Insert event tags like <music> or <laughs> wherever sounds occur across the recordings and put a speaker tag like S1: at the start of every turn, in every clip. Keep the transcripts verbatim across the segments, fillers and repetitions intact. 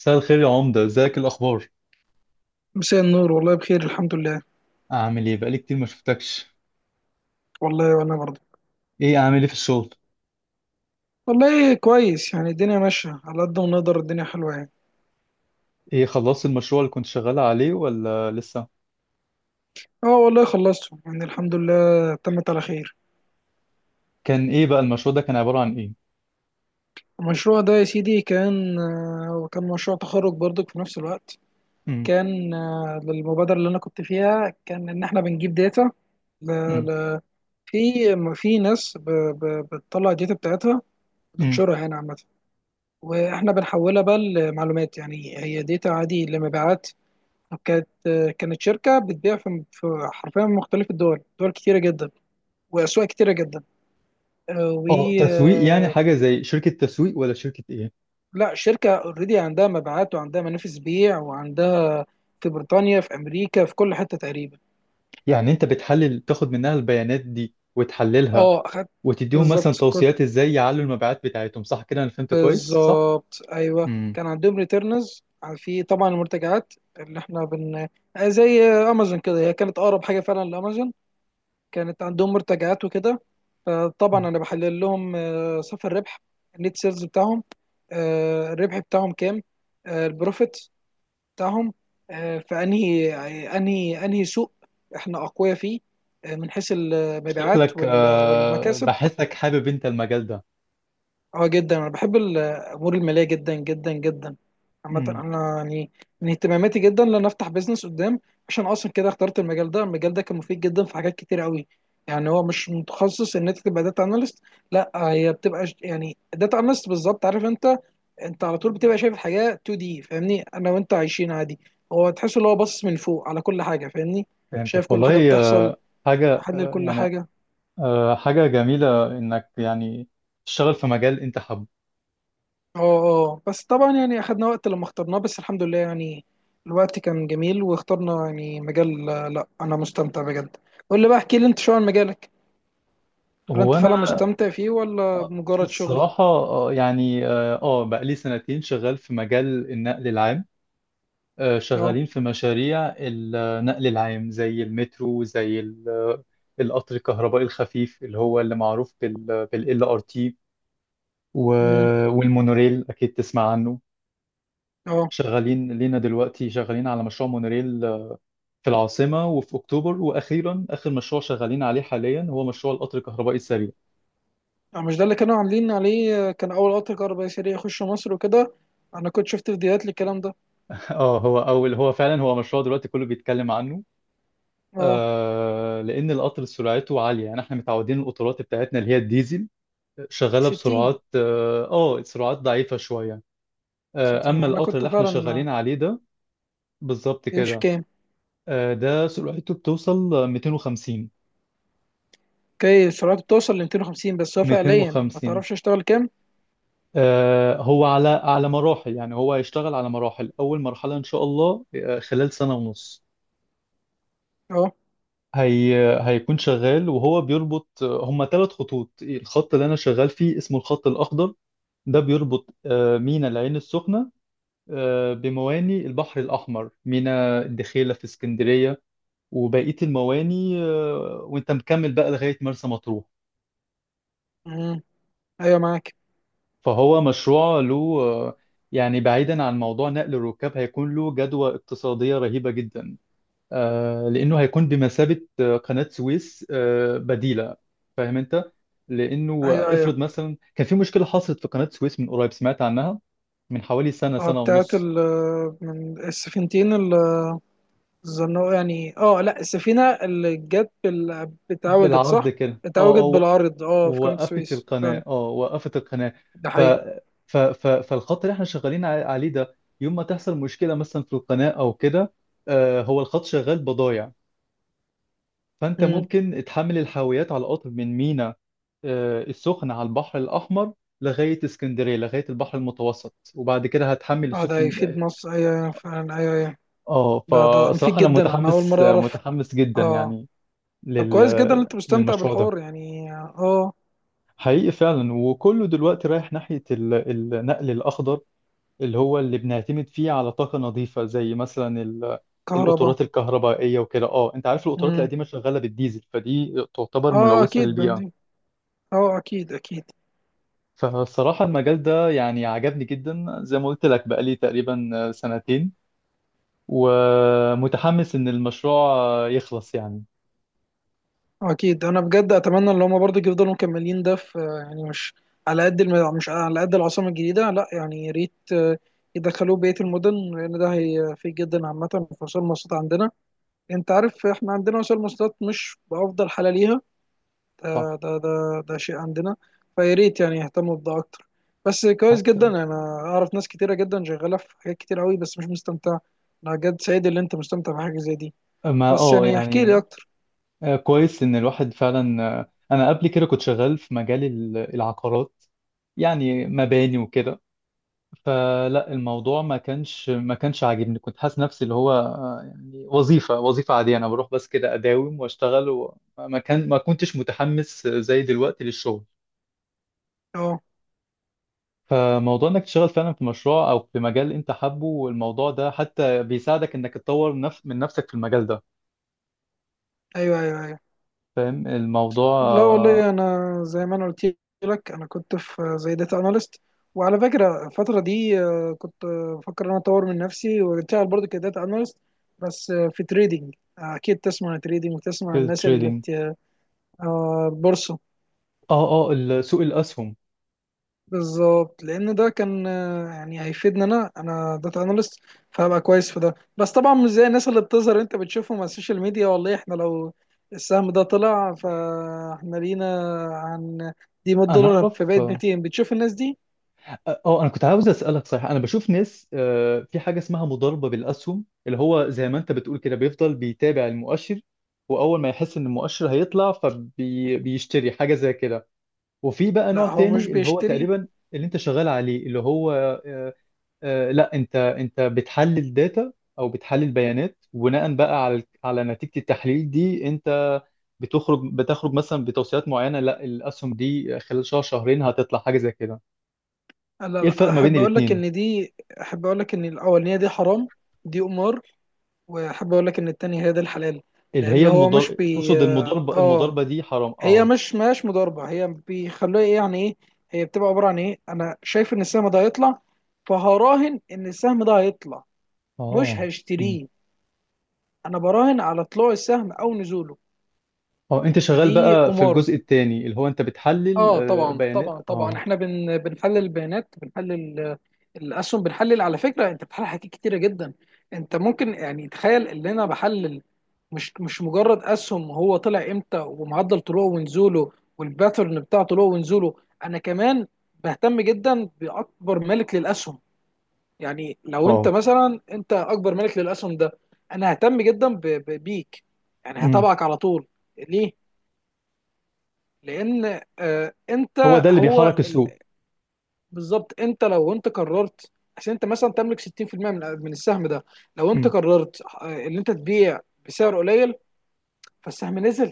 S1: مساء الخير يا عمدة، ازيك؟ الاخبار؟
S2: مساء النور، والله بخير الحمد لله.
S1: اعمل ايه؟ بقالي كتير ما شفتكش.
S2: والله وانا برضه.
S1: ايه، اعمل ايه في الشغل؟
S2: والله كويس، يعني الدنيا ماشية على قد ما نقدر، الدنيا حلوة يعني.
S1: ايه، خلصت المشروع اللي كنت شغال عليه ولا لسه؟
S2: اه والله خلصته، يعني الحمد لله تمت على خير.
S1: كان ايه بقى المشروع ده؟ كان عبارة عن ايه؟
S2: المشروع ده يا سيدي كان آه، كان مشروع تخرج برضك في نفس الوقت.
S1: امم،
S2: كان آه، للمبادرة اللي انا كنت فيها، كان ان احنا بنجيب داتا ل...
S1: امم،
S2: ل... في في ناس ب... ب... بتطلع الداتا بتاعتها
S1: امم.
S2: وتنشرها هنا عامة. واحنا بنحولها بقى لمعلومات، يعني هي داتا عادي لمبيعات. كانت كانت شركة بتبيع في في حرفيا مختلف الدول، دول كتيرة جدا وأسواق كتيرة جدا. آه، و
S1: اه، تسويق يعني
S2: آه،
S1: حاجة زي شركة تسويق ولا شركة ايه؟
S2: لا، شركة اوريدي عندها مبيعات وعندها منافذ بيع وعندها في بريطانيا، في أمريكا، في كل حتة تقريبا.
S1: يعني انت بتحلل، تاخد منها البيانات دي وتحللها،
S2: اه، خدت.
S1: وتديهم مثلا
S2: بالظبط كنت
S1: توصيات ازاي يعلوا المبيعات بتاعتهم، صح كده؟ انا فهمت كويس، صح؟
S2: بالظبط أيوه،
S1: امم.
S2: كان عندهم ريتيرنز. في طبعا المرتجعات اللي احنا بن آه، زي أمازون كده، هي كانت أقرب حاجة فعلا لأمازون. كانت عندهم مرتجعات وكده.
S1: أمم.
S2: فطبعا انا بحلل لهم آه، صافي الربح، النت سيلز بتاعهم، آه، الربح بتاعهم كام، آه، البروفيت بتاعهم، آه، فانهي انهي انهي سوق احنا اقوياء فيه، آه، من حيث المبيعات
S1: شكلك،
S2: وال-
S1: آه،
S2: والمكاسب.
S1: بحسك حابب انت المجال
S2: اه جدا، انا بحب الامور الماليه جدا جدا جدا. عامه
S1: ده.
S2: انا يعني من اهتماماتي جدا ان انا افتح بيزنس قدام. عشان اصلا كده اخترت المجال ده، المجال ده كان مفيد جدا في حاجات كتير قوي. يعني هو مش متخصص ان انت تبقى داتا اناليست، لا هي بتبقى ش- يعني داتا اناليست بالظبط، عارف انت؟ انت على طول بتبقى شايف الحاجه اتنين دي، فاهمني؟ انا وانت عايشين عادي، هو تحس ان هو باصص من فوق على كل حاجه، فاهمني؟ شايف
S1: فهمتك
S2: كل حاجه
S1: والله
S2: بتحصل،
S1: آه، حاجة
S2: محلل
S1: آه،
S2: كل
S1: يعني
S2: حاجه.
S1: آه، حاجة جميلة إنك يعني تشتغل في مجال أنت حابه.
S2: اه، اه، بس طبعا يعني اخدنا وقت لما اخترناه، بس الحمد لله يعني الوقت كان جميل واخترنا يعني مجال. آه، لا انا مستمتع بجد. قول لي بقى، احكي لي انت شو عن مجالك. هل
S1: هو
S2: انت فعلا
S1: أنا
S2: مستمتع فيه ولا
S1: آه،
S2: مجرد شغل؟
S1: الصراحة آه، يعني آه آه، بقالي سنتين شغال في مجال النقل العام. آه،
S2: اه.
S1: شغالين في مشاريع النقل العام زي المترو، زي ال- آه، القطر الكهربائي الخفيف اللي هو اللي معروف بال بال إل آر تي،
S2: امم.
S1: و- والمونوريل أكيد تسمع عنه.
S2: اه.
S1: شغالين لينا دلوقتي، شغالين على مشروع مونوريل في العاصمة وفي أكتوبر، وأخيرا آخر مشروع شغالين عليه حاليا هو مشروع القطر الكهربائي السريع.
S2: آه، مش ده اللي كانوا عاملين عليه؟ آه، كان اول قطر كهربائي سريع يخش مصر وكده، انا كنت شفت فيديوهات للكلام ده.
S1: <laughs> اه، هو أول هو فعلا هو مشروع دلوقتي كله بيتكلم عنه.
S2: اه،
S1: آه لأن القطر سرعته عالية، يعني احنا متعودين القطارات بتاعتنا اللي هي الديزل، شغالة
S2: 60
S1: بسرعات اه آه، سرعات ضعيفة شوية. آه
S2: 60
S1: أما
S2: انا
S1: القطر
S2: كنت
S1: اللي احنا
S2: فعلا آه،
S1: شغالين عليه ده، بالظبط
S2: بيمشي
S1: كده.
S2: كام؟
S1: آه ده سرعته بتوصل مئتين وخمسين.
S2: اوكي، سرعته بتوصل ل ميتين وخمسين. بس هو فعليا ما
S1: مئتين وخمسين،
S2: تعرفش اشتغل كام.
S1: آه، هو على على مراحل، يعني هو هيشتغل على مراحل. أول مرحلة إن شاء الله، آه، خلال سنة ونص
S2: اه.
S1: هي هيكون شغال، وهو بيربط، آه، هما ثلاث خطوط. الخط اللي أنا شغال فيه اسمه الخط الأخضر، ده بيربط آه، ميناء العين السخنة آه، بمواني البحر الأحمر، ميناء الدخيلة في اسكندرية، وبقية المواني، آه، وأنت مكمل بقى لغاية مرسى مطروح.
S2: امم. ايوه معاك.
S1: فهو مشروع له، آه، يعني بعيدا عن موضوع نقل الركاب، هيكون له جدوى اقتصادية رهيبة جدا، آه، لأنه هيكون بمثابة آه، قناة سويس آه، بديلة. فاهم أنت؟ لأنه
S2: ايوه، ايوه.
S1: افرض مثلا كان في مشكلة حصلت في قناة سويس من قريب، سمعت عنها. من حوالي سنة،
S2: اه،
S1: سنة
S2: بتاعت
S1: ونص.
S2: ال... من السفينتين ال- الزنوقة يعني. اه لا، السفينة اللي جت بال... اتعوجت،
S1: بالعرض
S2: صح؟
S1: كده، اه
S2: اتعوجت
S1: اه و-
S2: بالعرض، اه، في قناة
S1: وقفت
S2: السويس
S1: القناة،
S2: فعلا.
S1: اه، وقفت القناة.
S2: ده
S1: ف...
S2: حقيقي.
S1: ف... ف... فالخط اللي احنا شغالين ع- عليه ده، يوم ما تحصل مشكلة مثلا في القناة أو كده، آه، هو الخط شغال بضايع. فأنت
S2: امم.
S1: ممكن تحمل الحاويات على القطر من مينا، آه، السخنة، على البحر الأحمر لغاية اسكندرية، لغاية البحر المتوسط، وبعد كده هتحمل
S2: اه، ده هيفيد
S1: السفن.
S2: مصر، ايوه، ايوه، فعلا، ايوه، ايوه.
S1: اه،
S2: ده ده ده مفيد
S1: فصراحة أنا
S2: جدا، انا اول
S1: متحمس،
S2: مرة اعرف.
S1: متحمس جدا
S2: اه.
S1: يعني
S2: طب
S1: لل...
S2: كويس جدا ان انت مستمتع
S1: للمشروع ده.
S2: بالحوار يعني، اه.
S1: حقيقي فعلا. وكله دلوقتي رايح ناحية ال- النقل الأخضر، اللي هو اللي بنعتمد فيه على طاقة نظيفة، زي مثلا ال...
S2: كهرباء.
S1: القطارات الكهربائية وكده. اه، انت عارف القطارات
S2: امم.
S1: القديمة شغالة بالديزل، فدي تعتبر
S2: اه،
S1: ملوثة
S2: اكيد
S1: للبيئة.
S2: بنزين. اه، اكيد، اكيد.
S1: فالصراحة المجال ده يعني عجبني جدا، زي ما قلت لك بقالي تقريبا سنتين، ومتحمس إن المشروع يخلص يعني.
S2: اكيد، انا بجد اتمنى ان هم برضه يفضلوا مكملين ده في، يعني مش على قد الم... مش على قد العاصمه الجديده، لا يعني يا ريت آه، يدخلوه بقيه المدن، لان ده هيفيد جدا عامه في وسائل المواصلات عندنا. انت عارف، احنا عندنا وسائل المواصلات مش بافضل حاله ليها، ده
S1: صح.
S2: ده ده, ده شيء عندنا. فيا ريت يعني يهتموا بده اكتر. بس كويس
S1: حتى.
S2: جدا، انا اعرف ناس كتيره جدا شغاله في حاجات كتير قوي بس مش مستمتعه. انا بجد سعيد ان انت مستمتع بحاجه زي دي.
S1: ما،
S2: بس
S1: اه
S2: يعني احكي لي
S1: يعني،
S2: اكتر.
S1: آه، كويس إن الواحد فعلا. آه، أنا قبل كده كنت شغال في مجال ال- العقارات، يعني مباني وكده. فلا الموضوع ما كانش ما كانش عاجبني. كنت حاسس نفسي اللي هو، آه، يعني وظيفة، وظيفة عادية، أنا بروح بس كده أداوم وأشتغل. وما كان ما كنتش متحمس زي دلوقتي للشغل.
S2: اه،
S1: فموضوع انك تشتغل فعلا في مشروع او في مجال انت حابه، والموضوع ده حتى بيساعدك انك تطور نفس من نفسك في المجال ده.
S2: ايوه، ايوه، ايوه.
S1: فاهم الموضوع
S2: لا
S1: آه،
S2: والله، انا زي ما انا قلت لك، انا كنت في زي داتا اناليست، وعلى فكره الفتره دي آه، كنت بفكر ان انا اطور من نفسي واشتغل برضه كداتا اناليست. بس آه، في تريدينج، اكيد تسمع عن تريدينج وتسمع
S1: في
S2: عن الناس اللي
S1: التريدينج.
S2: بت... آه، البورصه.
S1: اه اه ال- سوق الاسهم.
S2: بالظبط، لان ده كان آه، يعني هيفيدنا، انا انا داتا اناليست فهبقى كويس في ده. بس طبعا مش زي الناس اللي بتظهر، انت بتشوفهم على السوشيال ميديا، والله احنا لو السهم ده طلع فاحنا لينا عن دي 100
S1: انا
S2: دولار
S1: اعرف.
S2: فبقت
S1: اه،
S2: ميتين، بتشوف الناس دي.
S1: آه، انا كنت عاوز اسالك، صحيح انا بشوف ناس آه، في حاجه اسمها مضاربه بالاسهم، اللي هو زي ما انت بتقول كده، بيفضل بيتابع المؤشر، واول ما يحس ان المؤشر هيطلع فبيشتري حاجه زي كده. وفي بقى نوع
S2: لا، هو مش
S1: تاني، اللي هو
S2: بيشتري.
S1: تقريبا اللي انت شغال عليه، اللي هو، آه، آه، لا، انت انت بتحلل داتا او بتحلل بيانات، وبناء بقى على على نتيجة التحليل دي، انت بتخرج بتخرج مثلا بتوصيات معينة، لا الاسهم دي خلال شهر، شهرين هتطلع حاجة زي كده.
S2: لا،
S1: ايه الفرق
S2: لا،
S1: ما بين
S2: احب اقول لك
S1: الاتنين؟
S2: ان دي، احب اقول لك ان الاولانيه دي حرام، دي قمار. واحب اقول لك ان التانية هي دي الحلال.
S1: اللي
S2: لان
S1: هي
S2: هو
S1: المضار،
S2: مش بي...
S1: تقصد المضاربة
S2: اه،
S1: المضاربة دي حرام،
S2: هي
S1: اه.
S2: مش مش مضاربه، هي بيخلوها ايه يعني ايه، هي بتبقى عباره عن ايه؟ انا شايف ان السهم ده هيطلع، فهراهن ان السهم ده هيطلع، مش
S1: اه. أمم.
S2: هشتريه. انا براهن على طلوع السهم او نزوله،
S1: اه انت شغال
S2: فدي
S1: بقى في
S2: قمار.
S1: الجزء التاني اللي هو انت بتحلل
S2: اه
S1: آه،
S2: طبعا،
S1: بيانات،
S2: طبعا، طبعا،
S1: اه.
S2: احنا بن بنحلل البيانات، بنحلل آه، الاسهم. بنحلل على فكره، انت بتحلل حاجات كتيره جدا. انت ممكن يعني تخيل ان انا بحلل مش مش مجرد اسهم هو طلع امتى، ومعدل طلوعه ونزوله والباترن بتاع طلوعه ونزوله. انا كمان بهتم جدا باكبر مالك للاسهم. يعني لو انت
S1: اه.
S2: مثلا انت اكبر مالك للاسهم ده، انا ههتم جدا ب- ب- بيك، يعني
S1: أمم.
S2: هتابعك على طول. ليه؟ لان آه،
S1: هو
S2: انت
S1: ده اللي
S2: هو،
S1: بيحرك السوق.
S2: بالظبط، انت لو انت قررت، عشان انت مثلا تملك ستين في المئة من من السهم ده، لو انت
S1: أمم.
S2: قررت آه، ان انت تبيع بسعر قليل، فالسهم نزل.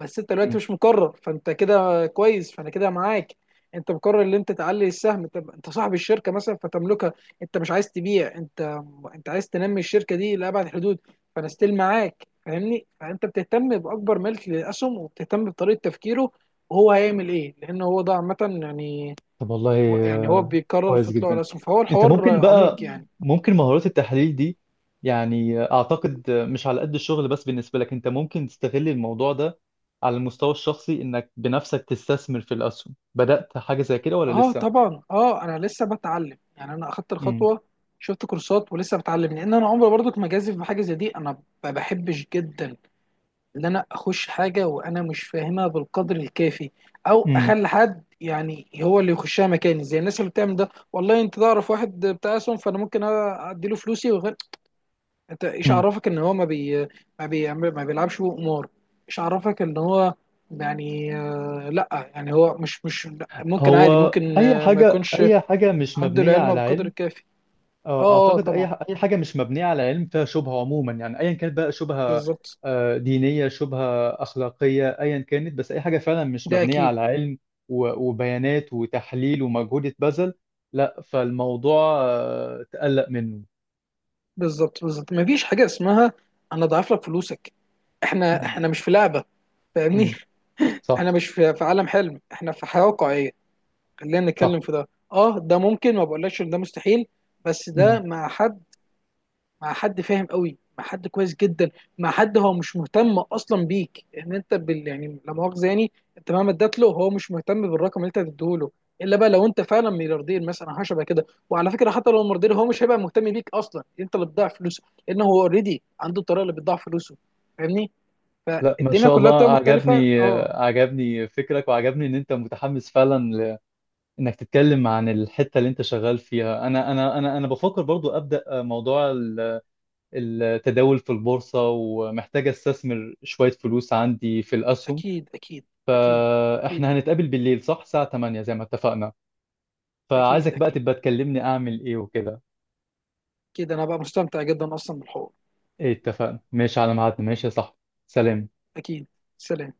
S2: بس انت دلوقتي
S1: أمم.
S2: مش مقرر، فانت كده كويس، فانا كده معاك. انت مقرر ان انت تعلي السهم، طب انت صاحب الشركه مثلا فتملكها، انت مش عايز تبيع، انت انت عايز تنمي الشركه دي لابعد الحدود. فانا ستيل معاك، فاهمني؟ فانت بتهتم باكبر ملك للاسهم وبتهتم بطريقه تفكيره وهو هيعمل ايه، لان هو ده عامه يعني،
S1: طب والله،
S2: هو- يعني هو
S1: آه،
S2: بيكرر
S1: كويس
S2: في طلوع
S1: جدا.
S2: رسم، فهو
S1: انت
S2: الحوار
S1: ممكن
S2: عميق
S1: بقى،
S2: يعني.
S1: ممكن مهارات التحليل دي، يعني آه، اعتقد، آه، مش على قد الشغل بس، بالنسبة لك انت ممكن تستغل الموضوع ده على المستوى الشخصي، انك بنفسك تستثمر في الاسهم. بدأت حاجة زي كده ولا
S2: اه
S1: لسه؟
S2: طبعا. اه، انا لسه بتعلم يعني، انا اخدت
S1: امم.
S2: الخطوه، شفت كورسات ولسه بتعلم، لان انا عمري برضك ما جازف بحاجه زي دي. انا ما بحبش جدا ان انا اخش حاجه وانا مش فاهمها بالقدر الكافي، او
S1: امم.
S2: اخلي حد يعني هو اللي يخشها مكاني زي الناس اللي بتعمل ده. والله انت تعرف واحد بتاع اسهم فانا ممكن ادي له فلوسي وغير، انت ايش عرفك ان هو ما بي، ما بيعمل، ما بيلعبش بقمار؟ ايش عرفك ان هو يعني آه، لا، يعني هو مش مش لأ، ممكن عادي،
S1: هو
S2: ممكن
S1: اي
S2: آه، ما
S1: حاجة،
S2: يكونش
S1: اي حاجة مش
S2: عنده
S1: مبنية
S2: العلم
S1: على
S2: بقدر
S1: علم.
S2: الكافي.
S1: آه،
S2: اه، اه،
S1: اعتقد اي
S2: طبعا.
S1: ح- اي حاجه مش مبنيه على علم فيها شبهه، عموما يعني ايا كانت بقى شبهه،
S2: بالظبط.
S1: آه، دينيه، شبهه اخلاقيه، ايا كانت، بس اي حاجه فعلا مش
S2: ده
S1: مبنيه
S2: اكيد.
S1: على علم و- وبيانات وتحليل ومجهود اتبذل، لا، فالموضوع آه، تقلق منه.
S2: بالظبط، بالظبط، ما فيش حاجه اسمها انا اضعف لك فلوسك، احنا
S1: مم.
S2: احنا مش في لعبه، فاهمني؟
S1: امم.
S2: <laughs>
S1: صح.
S2: احنا مش في في عالم حلم، احنا في حياه واقعيه. خلينا نتكلم
S1: صح.
S2: في ده، اه ده ممكن، ما بقولكش ان ده مستحيل، بس ده
S1: مم.
S2: مع حد، مع حد فاهم قوي، مع حد كويس جدا، مع حد هو مش مهتم اصلا بيك ان انت بال... يعني لا مؤاخذه يعني، انت مهما اديت له هو مش مهتم بالرقم اللي انت هتديه له، الا بقى لو انت فعلا ملياردير مثلا حاجه شبه كده. وعلى فكره، حتى لو ملياردير هو مش هيبقى مهتم بيك، اصلا انت اللي بتضيع فلوسه، لان هو اوريدي عنده الطريقه اللي بتضيع فلوسه، فاهمني؟
S1: لا، ما
S2: فالدنيا
S1: شاء
S2: كلها
S1: الله،
S2: بتبقى مختلفه،
S1: عجبني،
S2: اه.
S1: آه، عجبني فكرك، وعجبني ان انت متحمس فعلا ل- انك تتكلم عن الحته اللي انت شغال فيها. انا انا انا انا بفكر برضو ابدا آه، موضوع التداول في البورصة، ومحتاج استثمر شوية فلوس عندي في الأسهم.
S2: اكيد، اكيد، اكيد، اكيد،
S1: فاحنا هنتقابل بالليل، صح؟ الساعة ثمانية، زي ما اتفقنا.
S2: اكيد،
S1: فعايزك بقى
S2: اكيد،
S1: تبقى تكلمني أعمل إيه وكده.
S2: اكيد، انا بقى مستمتع جدا اصلا بالحوار.
S1: إيه، اتفقنا. ماشي على ميعادنا. ماشي يا صاحبي. سلام.
S2: اكيد. سلام.